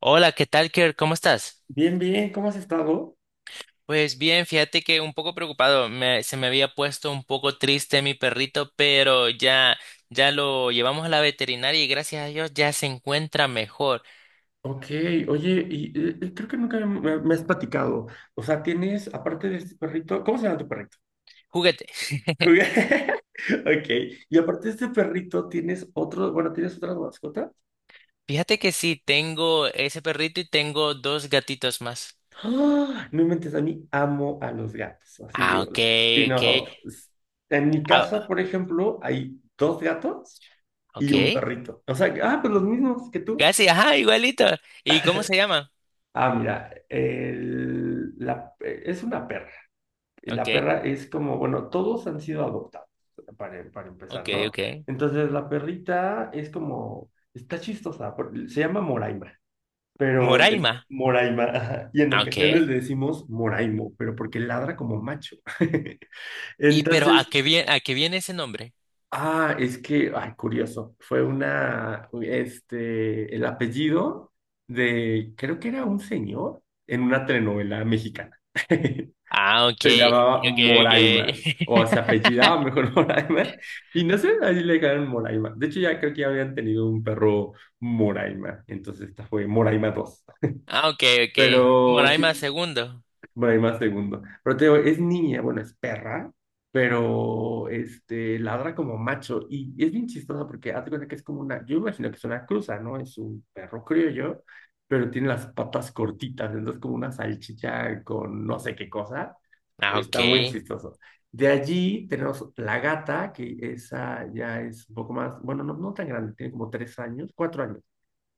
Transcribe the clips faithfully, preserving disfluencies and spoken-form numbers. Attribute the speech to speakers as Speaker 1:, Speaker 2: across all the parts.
Speaker 1: Hola, ¿qué tal, Kerr? ¿Cómo estás?
Speaker 2: Bien, bien, ¿cómo has estado?
Speaker 1: Pues bien, fíjate que un poco preocupado, me- se me había puesto un poco triste mi perrito, pero ya, ya lo llevamos a la veterinaria y gracias a Dios ya se encuentra mejor.
Speaker 2: Ok, oye, y eh, eh, creo que nunca me, me- me has platicado. O sea, tienes, aparte de este perrito, ¿cómo se llama tu perrito?
Speaker 1: Juguete.
Speaker 2: Ok, y aparte de este perrito, tienes otro, bueno, tienes otra mascota.
Speaker 1: Fíjate que sí, tengo ese perrito y tengo dos gatitos más.
Speaker 2: ¡Ah! No inventes, a mí amo a los gatos, así,
Speaker 1: Ah, ok,
Speaker 2: o- sí,
Speaker 1: ok.
Speaker 2: no. s- En mi casa,
Speaker 1: Ah,
Speaker 2: por ejemplo, hay dos gatos y
Speaker 1: ok.
Speaker 2: un perrito. O sea, ah, pues los mismos que tú.
Speaker 1: Casi, ajá, igualito. ¿Y cómo se llama?
Speaker 2: Ah, mira, el- la, eh, es una perra.
Speaker 1: Ok,
Speaker 2: La perra es como, bueno, todos han sido adoptados, para, para
Speaker 1: ok,
Speaker 2: empezar, ¿no?
Speaker 1: ok.
Speaker 2: Entonces la perrita es como, está chistosa, se llama Moraima, pero
Speaker 1: Moraima.
Speaker 2: en Moraima, ajá, y en
Speaker 1: Ah,
Speaker 2: ocasiones
Speaker 1: ok.
Speaker 2: le decimos Moraimo, pero porque ladra como macho.
Speaker 1: ¿Y pero a
Speaker 2: Entonces,
Speaker 1: qué viene, a qué viene ese nombre?
Speaker 2: ah, es que, ay, curioso, fue una, este, el apellido de, creo que era un señor en una telenovela mexicana.
Speaker 1: Ah, ok,
Speaker 2: Se llamaba
Speaker 1: ok, ok.
Speaker 2: Moraima, o se apellidaba mejor Moraima, y no sé, así le dejaron Moraima. De hecho, ya creo que ya habían tenido un perro Moraima, entonces esta fue Moraima dos.
Speaker 1: Ah, ok, ok.
Speaker 2: Pero
Speaker 1: Moraima
Speaker 2: sí,
Speaker 1: segundo.
Speaker 2: bueno, hay más segundo. Pero te digo, es niña, bueno, es perra, pero este, ladra como macho. Y es bien chistosa porque hazte cuenta que es como una, yo imagino que es una cruza, ¿no? Es un perro criollo, pero tiene las patas cortitas, entonces como una salchicha con no sé qué cosa,
Speaker 1: Ah,
Speaker 2: pero
Speaker 1: ok.
Speaker 2: está muy chistoso. De allí tenemos la gata, que esa ya es un poco más, bueno, no, no tan grande, tiene como tres años, cuatro años.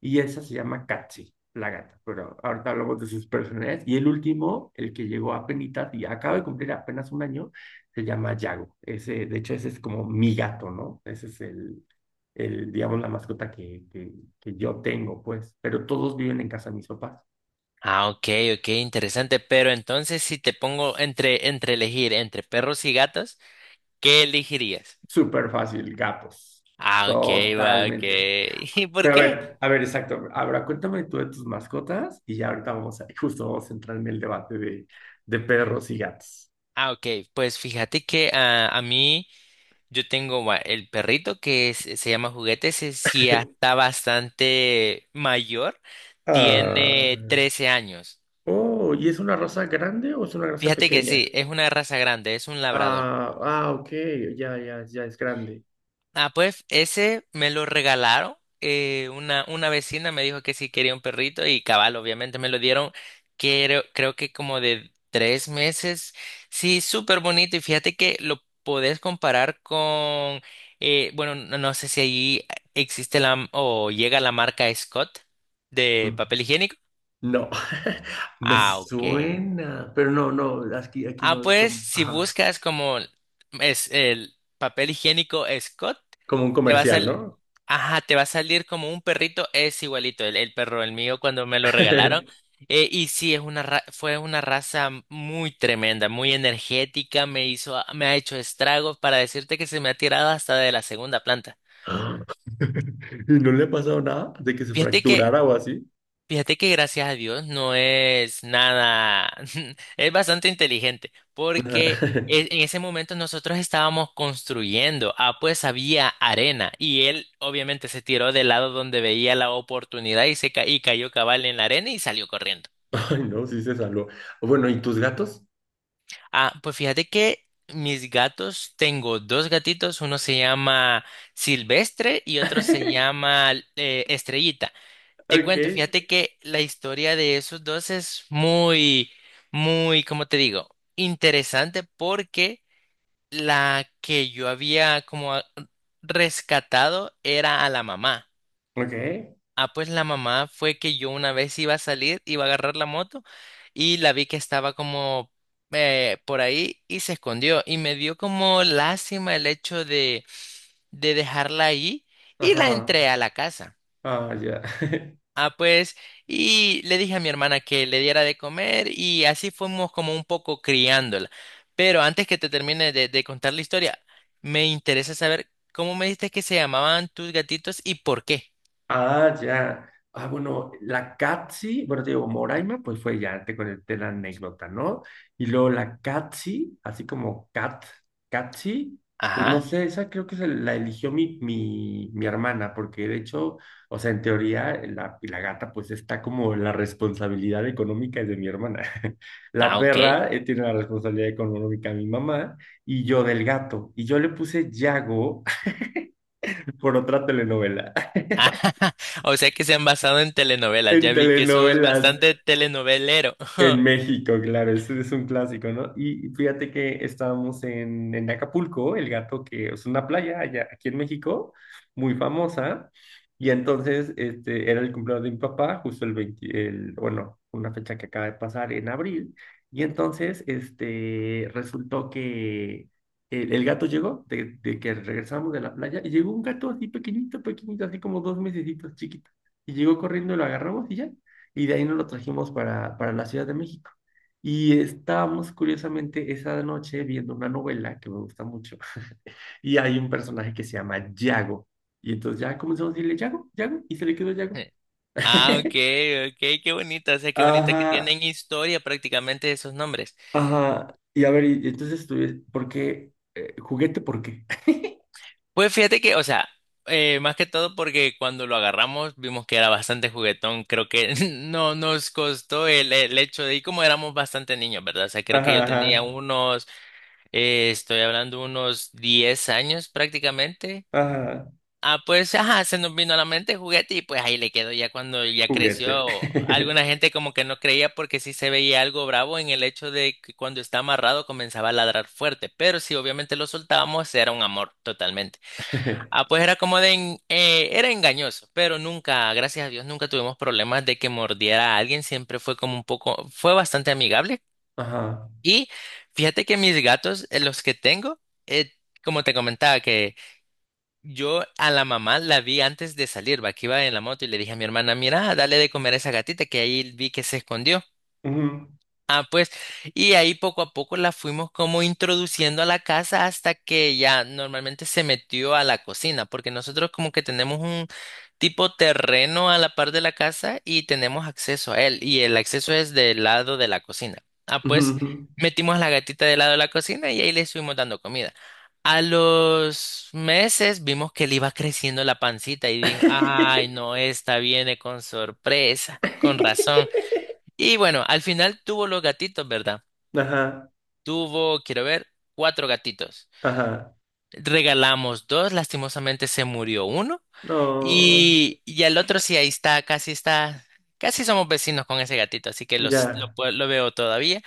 Speaker 2: Y esa se llama Katzi, la gata, pero ahorita hablamos de sus personalidades. Y el último, el que llegó a penitas y acaba de cumplir apenas un año, se llama Yago. Ese, de hecho, ese es como mi gato, ¿no? Ese es el, el digamos, la mascota que, que, que yo tengo, pues. Pero todos viven en casa de mis papás.
Speaker 1: Ah, ok, ok, interesante. Pero entonces, si te pongo entre, entre elegir entre perros y gatos, ¿qué elegirías?
Speaker 2: Súper fácil, gatos.
Speaker 1: Ah, ok, va, ok.
Speaker 2: Totalmente.
Speaker 1: ¿Y por
Speaker 2: Pero a
Speaker 1: qué?
Speaker 2: ver, a ver, exacto. Ahora cuéntame tú de tus mascotas y ya ahorita vamos a, justo vamos a entrar en el debate de, de perros y gatos.
Speaker 1: Ah, ok, pues fíjate que ah, a mí yo tengo va, el perrito que es- se llama Juguetes, si sí ya está bastante mayor,
Speaker 2: Ah.
Speaker 1: tiene trece años.
Speaker 2: Oh, ¿y es una raza grande o es una raza
Speaker 1: Fíjate que
Speaker 2: pequeña?
Speaker 1: sí, es una raza grande, es un labrador.
Speaker 2: Ah, ah, ok, ya, ya, ya es grande.
Speaker 1: Ah, pues ese me lo regalaron. eh, una, una vecina me dijo que sí quería un perrito y cabal, obviamente me lo dieron, creo, creo que como de tres meses. Sí, súper bonito y fíjate que lo podés comparar con, eh, bueno, no, no sé si allí existe la o llega la marca Scott de
Speaker 2: Mm.
Speaker 1: papel higiénico.
Speaker 2: No, me
Speaker 1: Ah, ok.
Speaker 2: suena, pero no, no, aquí, aquí
Speaker 1: Ah,
Speaker 2: no es
Speaker 1: pues
Speaker 2: como,
Speaker 1: si
Speaker 2: ajá,
Speaker 1: buscas como es el papel higiénico Scott,
Speaker 2: como un
Speaker 1: te va a
Speaker 2: comercial,
Speaker 1: salir,
Speaker 2: ¿no?
Speaker 1: ajá, te va a salir como un perrito, es igualito, el, el perro, el mío cuando me lo regalaron. Eh, y sí, es una ra- fue una raza muy tremenda, muy energética, me hizo, me ha hecho estragos para decirte que se me ha tirado hasta de la segunda planta.
Speaker 2: Ah. ¿Y no le ha pasado nada de que se
Speaker 1: Fíjate que
Speaker 2: fracturara o así?
Speaker 1: Fíjate que gracias a Dios no es nada, es bastante inteligente, porque
Speaker 2: Ajá.
Speaker 1: e- en ese momento nosotros estábamos construyendo, ah, pues había arena y él obviamente se tiró del lado donde veía la oportunidad y se ca- y cayó cabal en la arena y salió corriendo.
Speaker 2: Ay, no, sí se salvó. Bueno, ¿y tus gatos?
Speaker 1: Ah, pues fíjate que mis gatos, tengo dos gatitos, uno se llama Silvestre y otro se llama eh, Estrellita. Te cuento,
Speaker 2: Ok,
Speaker 1: fíjate que la historia de esos dos es muy, muy, como te digo, interesante porque la que yo había como a- rescatado era a la mamá.
Speaker 2: ok,
Speaker 1: Ah, pues la mamá fue que yo una vez iba a salir, iba a agarrar la moto y la vi que estaba como eh, por ahí y se escondió y me dio como lástima el hecho de, de dejarla ahí y la
Speaker 2: ajá,
Speaker 1: entré a la casa.
Speaker 2: ah, ya.
Speaker 1: Ah, pues, y le dije a mi hermana que le diera de comer y así fuimos como un poco criándola. Pero antes que te termine de, de contar la historia, me interesa saber cómo me dijiste que se llamaban tus gatitos y por qué.
Speaker 2: Ah, ya. Ah, bueno, la Catsi, bueno, te digo, Moraima, pues fue ya, te conté la anécdota, ¿no? Y luego la Catsi, así como Cat, Catsi, pues no
Speaker 1: Ajá.
Speaker 2: sé, esa creo que se la eligió mi, mi, mi hermana, porque de hecho, o sea, en teoría, eh, la, la gata, pues está como la responsabilidad económica es de mi hermana. La
Speaker 1: Ah, ok.
Speaker 2: perra, eh, tiene la responsabilidad económica de mi mamá, y yo del gato. Y yo le puse Yago por otra telenovela.
Speaker 1: O sea que se han basado en telenovelas.
Speaker 2: En
Speaker 1: Ya vi que sos
Speaker 2: telenovelas.
Speaker 1: bastante telenovelero.
Speaker 2: En México, claro, ese es un clásico, ¿no? Y fíjate que estábamos en, en Acapulco, el gato que es una playa allá aquí en México, muy famosa, y entonces este, era el cumpleaños de mi papá, justo el veinte, el, bueno, una fecha que acaba de pasar en abril, y entonces este, resultó que el, el gato llegó, de, de que regresamos de la playa, y llegó un gato así pequeñito, pequeñito, así como dos mesecitos, chiquito, y llegó corriendo, lo agarramos y ya y de ahí nos lo trajimos para, para la Ciudad de México. Y estábamos curiosamente esa noche viendo una novela que me gusta mucho y hay un personaje que se llama Yago. Y entonces ya comenzamos a decirle Yago, Yago, y se le quedó Yago.
Speaker 1: Ah, ok, ok, qué bonito. O sea, qué bonito que
Speaker 2: Ajá,
Speaker 1: tienen historia prácticamente esos nombres.
Speaker 2: ajá. Y a ver, y entonces estuve, ¿por qué? Eh, ¿juguete por qué?
Speaker 1: Pues fíjate que, o sea, eh, más que todo porque cuando lo agarramos vimos que era bastante juguetón. Creo que no nos costó el, el hecho de, y como éramos bastante niños, ¿verdad? O sea, creo que
Speaker 2: Ajá,
Speaker 1: yo tenía
Speaker 2: ajá,
Speaker 1: unos, eh, estoy hablando unos diez años prácticamente.
Speaker 2: ajá,
Speaker 1: Ah, pues, ajá, se nos vino a la mente juguete y pues ahí le quedó ya cuando ya
Speaker 2: juguete.
Speaker 1: creció. Alguna gente como que no creía porque sí se veía algo bravo en el hecho de que cuando está amarrado comenzaba a ladrar fuerte, pero si obviamente lo soltábamos era un amor totalmente. Ah, pues era como de en- eh, era engañoso, pero nunca, gracias a Dios, nunca tuvimos problemas de que mordiera a alguien. Siempre fue como un poco, fue bastante amigable.
Speaker 2: Ajá.
Speaker 1: Y fíjate que mis gatos, eh, los que tengo, eh, como te comentaba, que yo a la mamá la vi antes de salir, va, que iba en la moto y le dije a mi hermana, mira, dale de comer a esa gatita que ahí vi que se escondió.
Speaker 2: Ujú,
Speaker 1: Ah, pues, y ahí poco a poco la fuimos como introduciendo a la casa hasta que ya normalmente se metió a la cocina, porque nosotros como que tenemos un tipo terreno a la par de la casa y tenemos acceso a él, y el acceso es del lado de la cocina. Ah,
Speaker 2: ujú,
Speaker 1: pues,
Speaker 2: ujú.
Speaker 1: metimos a la gatita del lado de la cocina y ahí le estuvimos dando comida. A los meses vimos que le iba creciendo la pancita y dijo, ay, no, esta viene con sorpresa, con razón. Y bueno, al final tuvo los gatitos, ¿verdad?
Speaker 2: Ajá,
Speaker 1: Tuvo, quiero ver, cuatro gatitos.
Speaker 2: ajá.
Speaker 1: Regalamos dos, lastimosamente se murió uno.
Speaker 2: No,
Speaker 1: Y, y el otro sí, ahí está, casi está, casi somos vecinos con ese gatito, así que los- lo,
Speaker 2: ya.
Speaker 1: pue- lo veo todavía.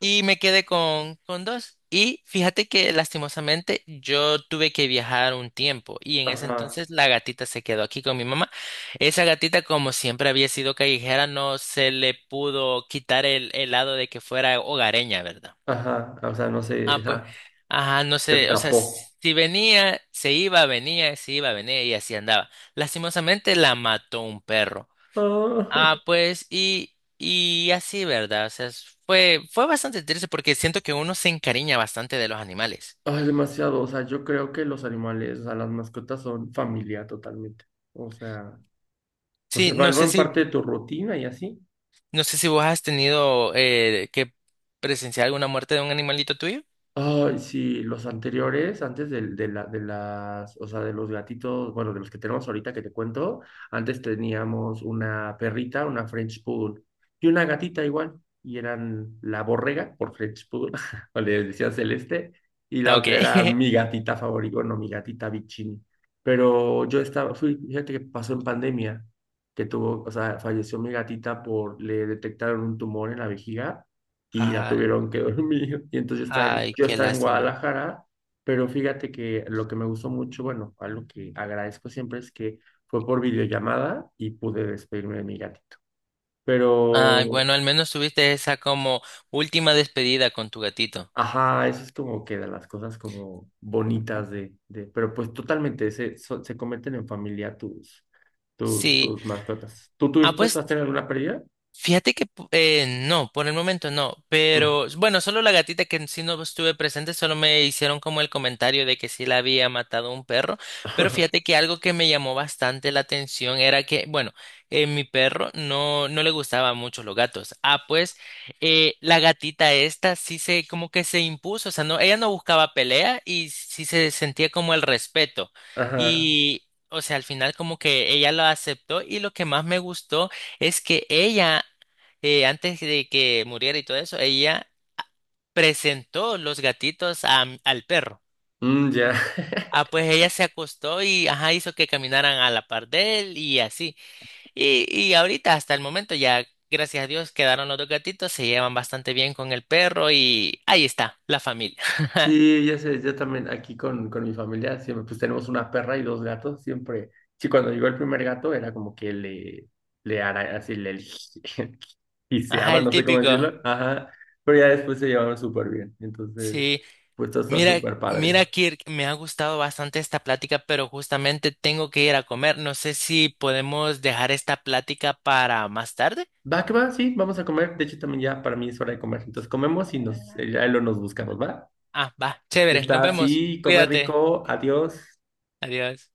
Speaker 1: Y me quedé con, con dos. Y fíjate que lastimosamente yo tuve que viajar un tiempo y en ese
Speaker 2: Ajá.
Speaker 1: entonces la gatita se quedó aquí con mi mamá. Esa gatita, como siempre había sido callejera, no se le pudo quitar el, el lado de que fuera hogareña, ¿verdad?
Speaker 2: Ajá, o sea, no sé,
Speaker 1: Ah, pues,
Speaker 2: ajá,
Speaker 1: ajá, no
Speaker 2: se
Speaker 1: sé, o sea,
Speaker 2: escapó.
Speaker 1: si venía, se iba, venía, se iba, venía y así andaba. Lastimosamente la mató un perro.
Speaker 2: Ah.
Speaker 1: Ah, pues, y, y así, ¿verdad? O sea, es- fue, fue bastante triste porque siento que uno se encariña bastante de los animales.
Speaker 2: Ay, demasiado, o sea, yo creo que los animales, o sea, las mascotas son familia totalmente. O sea, pues
Speaker 1: Sí,
Speaker 2: se
Speaker 1: no sé
Speaker 2: vuelven
Speaker 1: si,
Speaker 2: parte de tu rutina y así.
Speaker 1: no sé si vos has tenido eh, que presenciar alguna muerte de un animalito tuyo.
Speaker 2: Ay, sí, los anteriores, antes del- de, la, de las, o sea, de los gatitos, bueno, de los que tenemos ahorita que te cuento, antes teníamos una perrita, una French Poodle y una gatita igual, y eran la borrega por French Poodle, o le decía Celeste, y la
Speaker 1: Ok.
Speaker 2: otra era mi gatita favorita, bueno, mi gatita Vicini. Pero yo estaba, fui, fíjate que pasó en pandemia, que tuvo, o sea, falleció mi gatita por, le detectaron un tumor en la vejiga y la
Speaker 1: Ay,
Speaker 2: tuvieron que dormir. Y entonces está en-
Speaker 1: ay,
Speaker 2: yo
Speaker 1: qué
Speaker 2: estaba en
Speaker 1: lástima.
Speaker 2: Guadalajara, pero fíjate que lo que me gustó mucho, bueno, algo que agradezco siempre es que fue por videollamada y pude despedirme de mi gatito.
Speaker 1: Ay,
Speaker 2: Pero,
Speaker 1: bueno, al menos tuviste esa como última despedida con tu gatito.
Speaker 2: ajá, eso es como que de las cosas como bonitas de, de pero pues totalmente, se, so- se cometen en familia tus, tus,
Speaker 1: Sí.
Speaker 2: tus mascotas. ¿Tú
Speaker 1: Ah,
Speaker 2: tuviste, tú
Speaker 1: pues.
Speaker 2: has tenido alguna pérdida?
Speaker 1: Fíjate que po- eh, no, por el momento no, pero bueno, solo la gatita que sí no estuve presente, solo me hicieron como el comentario de que sí la había matado un perro, pero fíjate que algo que me llamó bastante la atención era que, bueno, eh, mi perro no, no le gustaban mucho los gatos. Ah, pues eh, la gatita esta sí se como que se impuso, o sea, no, ella no buscaba pelea y sí se sentía como el respeto.
Speaker 2: Ajá.
Speaker 1: Y, o sea, al final como que ella lo aceptó y lo que más me gustó es que ella, eh, antes de que muriera y todo eso, ella presentó los gatitos a al perro.
Speaker 2: Mm, ya.
Speaker 1: Ah, pues ella se acostó y ajá, hizo que caminaran a la par de él y así. Y, y ahorita, hasta el momento, ya, gracias a Dios, quedaron los dos gatitos, se llevan bastante bien con el perro y ahí está, la familia.
Speaker 2: Sí, ya sé, yo también aquí con, con mi familia siempre, pues tenemos una perra y dos gatos, siempre. Sí, cuando llegó el primer gato era como que le, le ara- así le
Speaker 1: Ajá,
Speaker 2: giseaba,
Speaker 1: el
Speaker 2: no sé cómo
Speaker 1: típico.
Speaker 2: decirlo, ajá, pero ya después se llevaron súper bien, entonces,
Speaker 1: Sí,
Speaker 2: pues todo está
Speaker 1: Mira,
Speaker 2: súper padre.
Speaker 1: mira, Kirk, me ha gustado bastante esta plática, pero justamente tengo que ir a comer. No sé si podemos dejar esta plática para más tarde.
Speaker 2: Va, que va, sí, vamos a comer, de hecho también ya para mí es hora de comer, entonces comemos y nos, eh, ya lo nos buscamos, ¿va?
Speaker 1: Ah, va, chévere, nos
Speaker 2: Está
Speaker 1: vemos.
Speaker 2: así, come
Speaker 1: Cuídate.
Speaker 2: rico, adiós.
Speaker 1: Adiós.